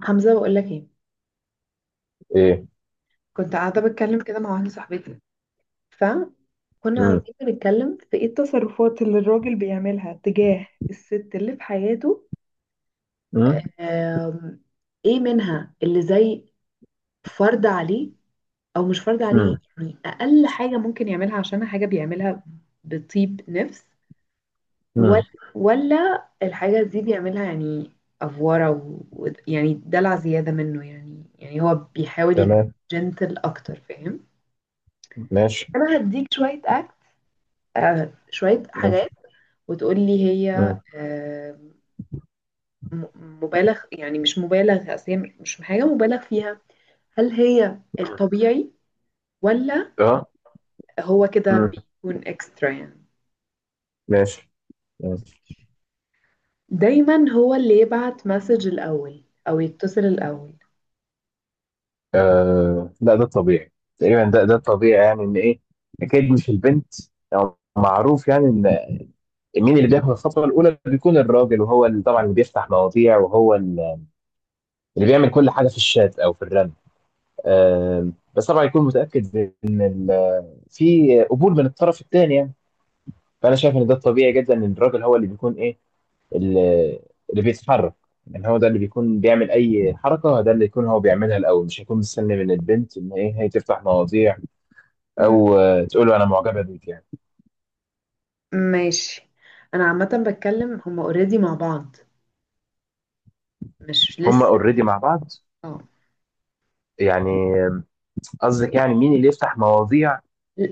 حمزة، بقول لك ايه. ايه. كنت قاعدة بتكلم كده مع واحدة صاحبتي، فكنا امم. قاعدين بنتكلم في ايه التصرفات اللي الراجل بيعملها تجاه الست اللي في حياته. امم. آم، ايه منها اللي زي فرض عليه او مش فرض عليه، امم. يعني اقل حاجة ممكن يعملها، عشان حاجة بيعملها بطيب نفس ولا امم. ولا الحاجة دي بيعملها يعني افورة، يعني دلع زيادة منه، يعني هو بيحاول يكون تمام. جنتل اكتر، فاهم؟ ماشي. انا هديك شويه اكل. آه، شويه ماشي. حاجات وتقولي هي. امم. آه. م- مبالغ، يعني مش مبالغ، اصل هي مش حاجه مبالغ فيها. هل هي الطبيعي، ولا اه. هو كده امم. بيكون اكسترا يعني؟ ماشي. ماشي. دايما هو اللي يبعت مسج الاول او يتصل الاول. آه، لا ده طبيعي. تقريبا ده طبيعي، يعني ان ايه. اكيد مش البنت، او معروف يعني ان مين اللي بياخد الخطوه الاولى بيكون الراجل، وهو اللي طبعا اللي بيفتح مواضيع، وهو اللي بيعمل كل حاجه في الشات او في الرن. آه، بس طبعا يكون متاكد ان في قبول من الطرف الثاني يعني. فانا شايف ان ده طبيعي جدا، ان الراجل هو اللي بيكون ايه، اللي اللي بيتحرك. يعني هو ده اللي بيكون بيعمل اي حركه، ده اللي يكون هو بيعملها الاول، مش هيكون مستني من البنت ان ايه هي تفتح مواضيع، مم. او تقول له انا معجبه بيك يعني. ماشي. انا عامه بتكلم هما اوريدي مع بعض، مش هما لسه. اوريدي مع بعض. اه، يعني آه، قصدك يعني مين اللي يفتح مواضيع،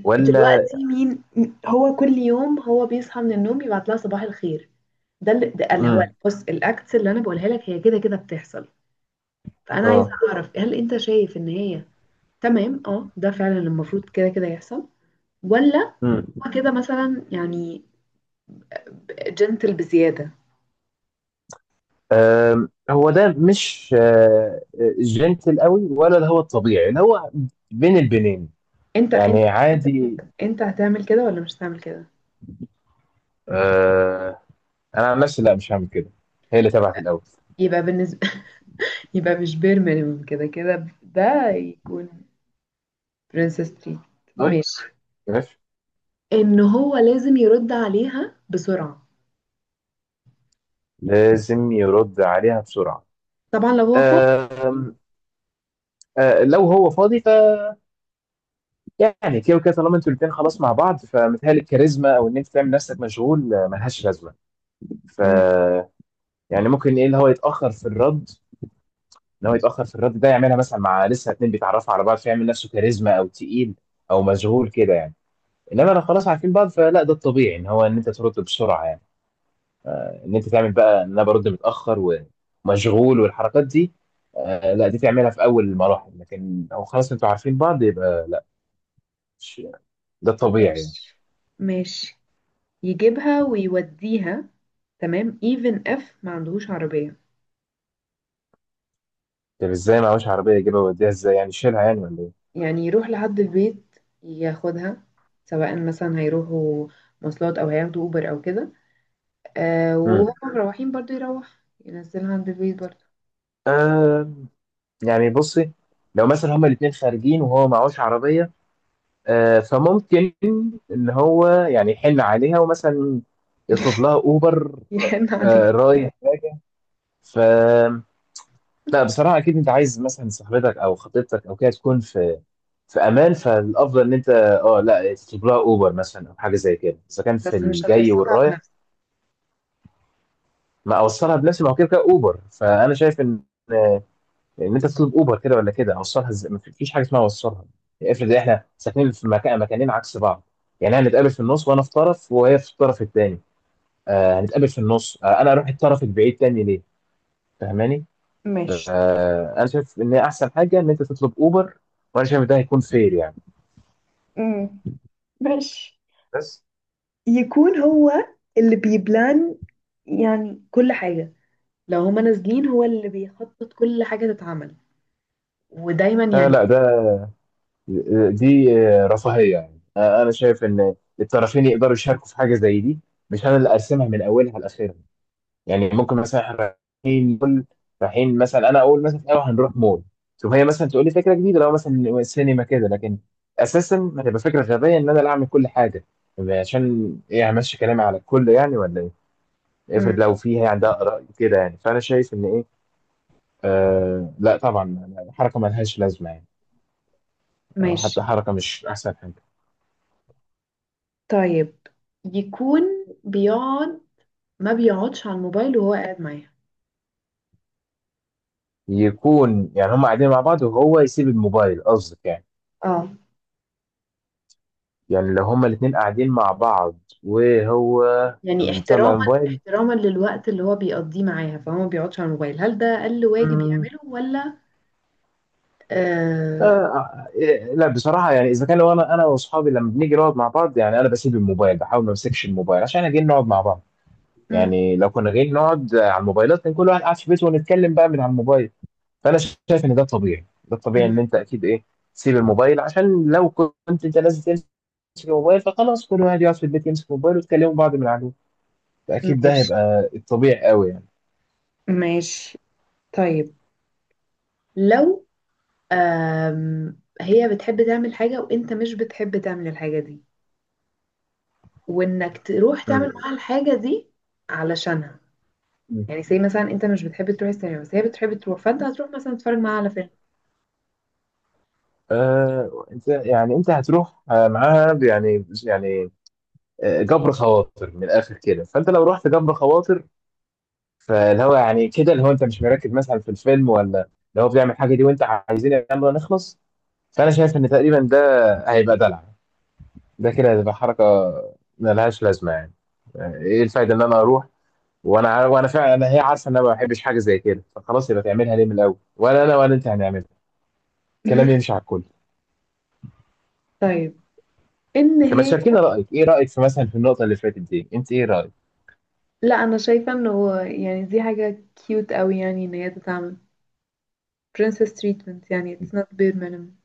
ولا... دلوقتي مين؟ هو كل يوم هو بيصحى من النوم يبعت لها صباح الخير. ده اللي هو امم. بص، الاكتس اللي انا بقولها لك هي كده كده بتحصل. فانا عايزه اه. اعرف، هل انت شايف ان هي تمام؟ اه، ده فعلا المفروض كده كده يحصل، ولا امم. هو كده مثلا يعني جنتل بزياده؟ هو ده مش جنتل قوي، ولا ده هو الطبيعي اللي هو بين البنين انت انت يعني عادي؟ انت هتعمل كده ولا مش هتعمل كده؟ آه، انا عن نفسي لا، مش هعمل كده. هي اللي تبعت الاول. يبقى بالنسبه، يبقى مش بير مينيمم، كده كده ده يكون برنسس تريت. ماشي. طيب، ان هو لازم يرد عليها بسرعه، لازم يرد عليها بسرعه. طبعا لو هو فاضي. آه. آه، لو هو فاضي. فيعني كده وكده طالما انتوا الاثنين خلاص مع بعض، فمتهيألي الكاريزما او ان انت تعمل نفسك مشغول ملهاش لازمه. ف مم. يعني ممكن ايه اللي هو يتاخر في الرد، ان هو يتاخر في الرد ده يعملها مثلا مع لسه اتنين بيتعرفوا على بعض، فيعمل نفسه كاريزما او تقيل او مشغول كده يعني. انما لو خلاص عارفين بعض فلا، ده الطبيعي ان هو ان انت ترد بسرعه يعني. ان انت تعمل بقى ان انا برد متاخر ومشغول والحركات دي، آه لا، دي تعملها في اول المراحل، لكن لو خلاص انتوا عارفين بعض يبقى لا، مش ده الطبيعي يعني. ماشي ماشي. يجيبها ويوديها، تمام even if ما عندهوش عربية. طب ازاي معهوش عربيه يجيبها ويوديها؟ ازاي يعني، شيلها يعني ولا ايه؟ يعني يروح لحد البيت ياخدها، سواء مثلا هيروحوا مواصلات او هياخدوا اوبر او كده. آه، امم. وهم مروحين برضو يروح ينزلها عند البيت برضو. آه، يعني بصي، لو مثلا هما الاثنين خارجين وهو معهوش عربيه آه، فممكن ان هو يعني يحن عليها ومثلا يطلب لها اوبر. يحن عليه. آه رايح. ف لا بصراحة، أكيد أنت عايز مثلا صاحبتك أو خطيبتك أو كده تكون في امان، فالافضل ان انت لا تطلب لها اوبر مثلا او حاجه زي كده اذا كان في بس مش الجاي هتوصلها والرايح. بنفسه. ما اوصلها بنفسي، ما هو كده كده اوبر. فانا شايف ان انت تطلب اوبر، كده ولا كده اوصلها ازاي، ما فيش حاجه اسمها اوصلها. افرض احنا ساكنين في مكانين عكس بعض. يعني هنتقابل في النص، وانا في طرف وهي في الطرف الثاني. آه، هنتقابل في النص. آه، انا اروح الطرف البعيد تاني ليه؟ فاهماني؟ ماشي. آه، انا شايف ان احسن حاجه ان انت تطلب اوبر، وانا شايف ده هيكون فير يعني. امم. ماشي. بس يكون هو اللي بيبلان، يعني كل حاجة. لو هما نازلين هو اللي بيخطط كل حاجة تتعمل، ودايما آه يعني. لا، دي رفاهية، يعني أنا شايف إن الطرفين يقدروا يشاركوا في حاجة زي دي. مش أنا اللي أرسمها من أولها لآخرها. يعني ممكن مثلا إحنا رايحين مول، رايحين مثلا، أنا أقول مثلا أيوه هنروح مول. شوف، هي مثلا تقول لي فكرة جديدة لو مثلا سينما كده، لكن أساسا هتبقى فكرة غبية إن أنا اللي أعمل كل حاجة. عشان إيه همشي كلامي على الكل يعني ولا إيه؟ مم. افرض لو في هي عندها آراء كده يعني، فأنا شايف إن إيه، آه لا طبعا، حركة ملهاش لازمة يعني. أو حتى ماشي. حركة مش أحسن حاجة. طيب، يكون بيقعد، ما بيقعدش على الموبايل وهو قاعد معاها. يكون يعني هم قاعدين مع بعض وهو يسيب الموبايل، قصدك يعني؟ اه، يعني لو هما الاتنين قاعدين مع بعض وهو يعني مطلع احتراما، الموبايل. احتراما للوقت اللي هو بيقضيه معاها، فهو ما بيقعدش على الموبايل. هل ده أقل واجب مم، يعمله ولا؟ آه، آه إيه، لا بصراحة، يعني إذا كان لو أنا وأصحابي لما بنيجي نقعد مع بعض، يعني أنا بسيب الموبايل، بحاول ما أمسكش الموبايل عشان إحنا جايين نقعد مع بعض. م- يعني لو كنا جايين نقعد على الموبايلات، كان كل واحد قاعد في بيته ونتكلم بقى من على الموبايل. فانا شايف ان ده الطبيعي، ده الطبيعي، ان م- انت اكيد ايه، تسيب الموبايل عشان لو كنت انت لازم تمسك الموبايل فخلاص كل واحد يقعد في البيت يمسك الموبايل ويتكلموا بعض من عليه، فاكيد ده ماشي هيبقى الطبيعي قوي يعني. ماشي. طيب، لو هي بتحب تعمل حاجة وانت مش بتحب تعمل الحاجة دي، وانك تروح تعمل مم. معاها الحاجة دي علشانها. مم. يعني زي مثلا انت مش بتحب تروح السينما، بس هي بتحب تروح، فانت هتروح مثلا تتفرج معاها على فيلم. انت يعني انت هتروح معاها يعني آه، جبر خواطر من الاخر كده، فانت لو رحت جبر خواطر، فاللي هو يعني كده اللي هو انت مش مركز مثلا في الفيلم، ولا اللي هو بيعمل حاجه دي وانت عايزين يلا نخلص. فانا شايف ان تقريبا ده هيبقى دلع، ده كده هتبقى حركة ملهاش لازمة يعني. ايه الفايدة ان انا اروح وانا عارف، وانا فعلا هي عارفة ان انا ما بحبش حاجة زي كده، فخلاص يبقى تعملها ليه من الاول؟ ولا انا ولا انت هنعملها. الكلام يمشي على الكل. طيب، ان انت ما هي. تشاركينا رأيك، ايه رأيك في مثلا في النقطة اللي فاتت دي؟ انت ايه رأيك؟ لا، انا شايفه انه هو، يعني دي حاجه كيوت قوي، يعني ان هي تتعمل princess treatment. يعني it's not bare minimum.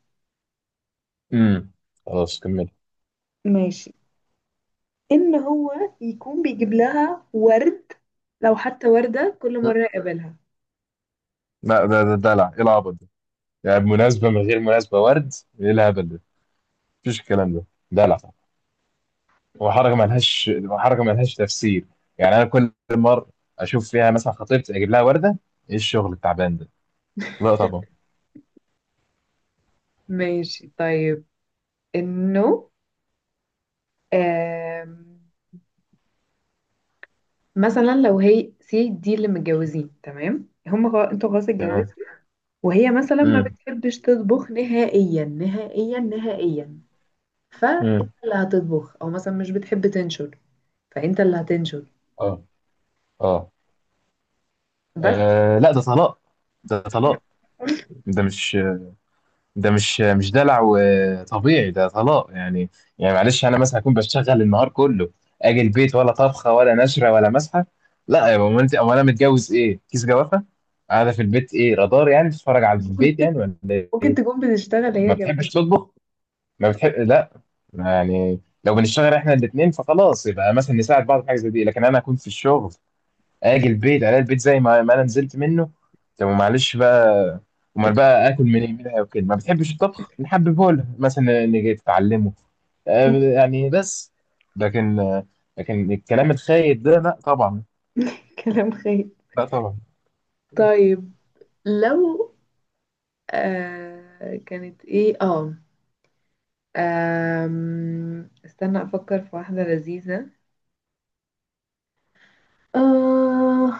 امم. خلاص كمل. ماشي. ان هو يكون بيجيب لها ورد، لو حتى وردة كل مرة مم. يقابلها. لا، ده دلع، ايه العبط ده؟ يعني مناسبة من غير مناسبة ورد، ايه الهبل ده؟ مفيش الكلام ده. دلع وحركه ما لهاش تفسير. يعني انا كل مره اشوف فيها مثلا خطيبتي اجيب لها ورده؟ ايه الشغل التعبان ده؟ لا طبعا. ماشي. طيب، انه آم، مثلا لو هي سي دي اللي متجوزين، تمام، هم خلاص انتوا خلاص تمام. اتجوزتوا، وهي مثلا ما امم. بتحبش تطبخ نهائيا نهائيا نهائيا، فانت امم. اللي هتطبخ، او مثلا مش بتحب تنشر، فانت اللي هتنشر اه. اه. بس. آه، لا ده طلاق، ده طلاق، ده مش ده مش دلع وطبيعي، ده طلاق يعني. يعني معلش، انا مثلا اكون بشتغل النهار كله، اجي البيت ولا طبخه ولا نشره ولا مسحه. لا يا بابا، انت امال انا متجوز ايه، كيس جوافه قاعده في البيت؟ ايه رادار يعني، بتتفرج على البيت يعني ولا؟ ممكن ايه، تكون بتشتغل ما هي بتحبش كمان. تطبخ، ما بتحب، لا. يعني لو بنشتغل احنا الاثنين فخلاص، يبقى مثلا نساعد بعض في حاجه زي دي، لكن انا اكون في الشغل، اجي البيت الاقي البيت زي ما انا نزلت منه. طب معلش بقى، امال بقى اكل منها وكده ما بتحبش الطبخ؟ نحببه لها مثلا، نيجي تتعلمه آه، يعني، بس. لكن آه، لكن الكلام الخايب ده، لا طبعا. كلام خير. لا طبعا. طيب، لو كانت ايه، استنى افكر في واحدة لذيذة. آه،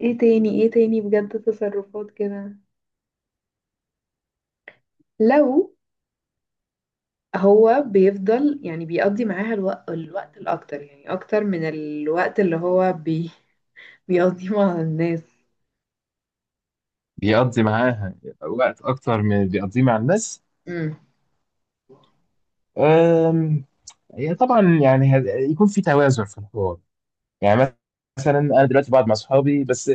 ايه تاني؟ ايه تاني بجد تصرفات كده؟ لو هو بيفضل يعني بيقضي معاها الوقت الاكتر، يعني اكتر من الوقت اللي هو بيقضيهم على الناس. بيقضي معاها وقت اكتر من اللي بيقضيه مع الناس. امم. آم، هي طبعا يعني يكون في توازن في الحوار. يعني مثلا انا دلوقتي بقعد مع اصحابي بس،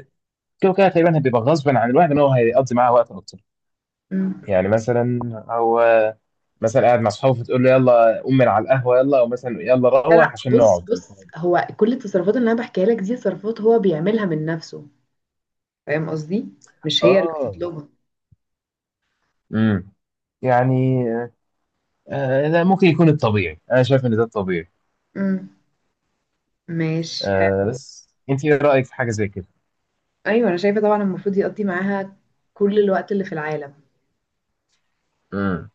كده كده تقريبا هيبقى غصبا عن الواحد ان هو هيقضي معاه وقت اكتر. امم. يعني مثلا هو مثلا قاعد مع اصحابه، فتقول له يلا قوم من على القهوه يلا، او مثلا يلا لا لا، روح عشان بص نقعد. بص، هو كل التصرفات اللي انا بحكيها لك دي تصرفات هو بيعملها من نفسه، فاهم قصدي؟ مش هي اللي اه. بتطلبها. امم. يعني آه لا، ممكن يكون الطبيعي، انا شايف ان ده الطبيعي. امم. ماشي حلو. آه، بس انت ايه رايك في حاجه زي كده؟ ايوه، انا شايفه طبعا المفروض يقضي معاها كل الوقت اللي في العالم. امم.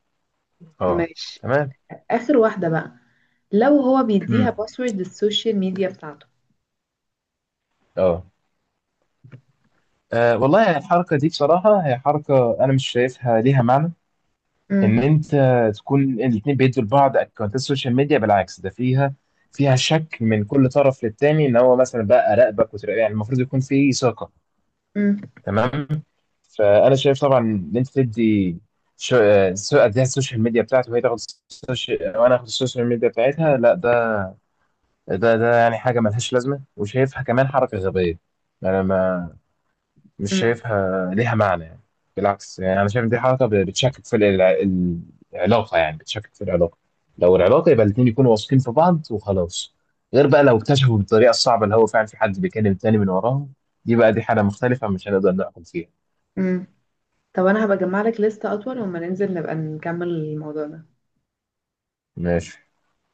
اه. ماشي. تمام. اخر واحده بقى. لو هو بيديها امم. باسورد السوشيال ميديا بتاعته. اه. آه، والله الحركه دي بصراحه، هي حركه انا مش شايفها ليها معنى. ان امم. انت تكون الاثنين بيدوا لبعض اكونتات السوشيال ميديا، بالعكس ده فيها شك من كل طرف للتاني، ان هو مثلا بقى راقبك وتراقب، يعني المفروض يكون في ثقه. امم. تمام. فانا شايف طبعا ان انت تدي اديها السوشيال ميديا بتاعته، وهي تاخد السوشيال وانا اخد السوشيال ميديا بتاعتها، لا ده يعني حاجه ملهاش لازمه، وشايفها كمان حركه غبيه. انا ما مش امم. شايفها ليها معنى يعني. بالعكس، يعني انا شايف إن دي حركه بتشكك في العلاقه، يعني بتشكك في العلاقه. لو العلاقه يبقى الاثنين يكونوا واثقين في بعض وخلاص. غير بقى لو اكتشفوا بالطريقه الصعبه اللي هو فعلا في حد بيكلم تاني من وراهم، دي بقى دي حاله مختلفه، مش هنقدر نحكم فيها. امم. طب انا هبقى اجمع لك لستة اطول، وما ننزل نبقى نكمل الموضوع ده ماشي.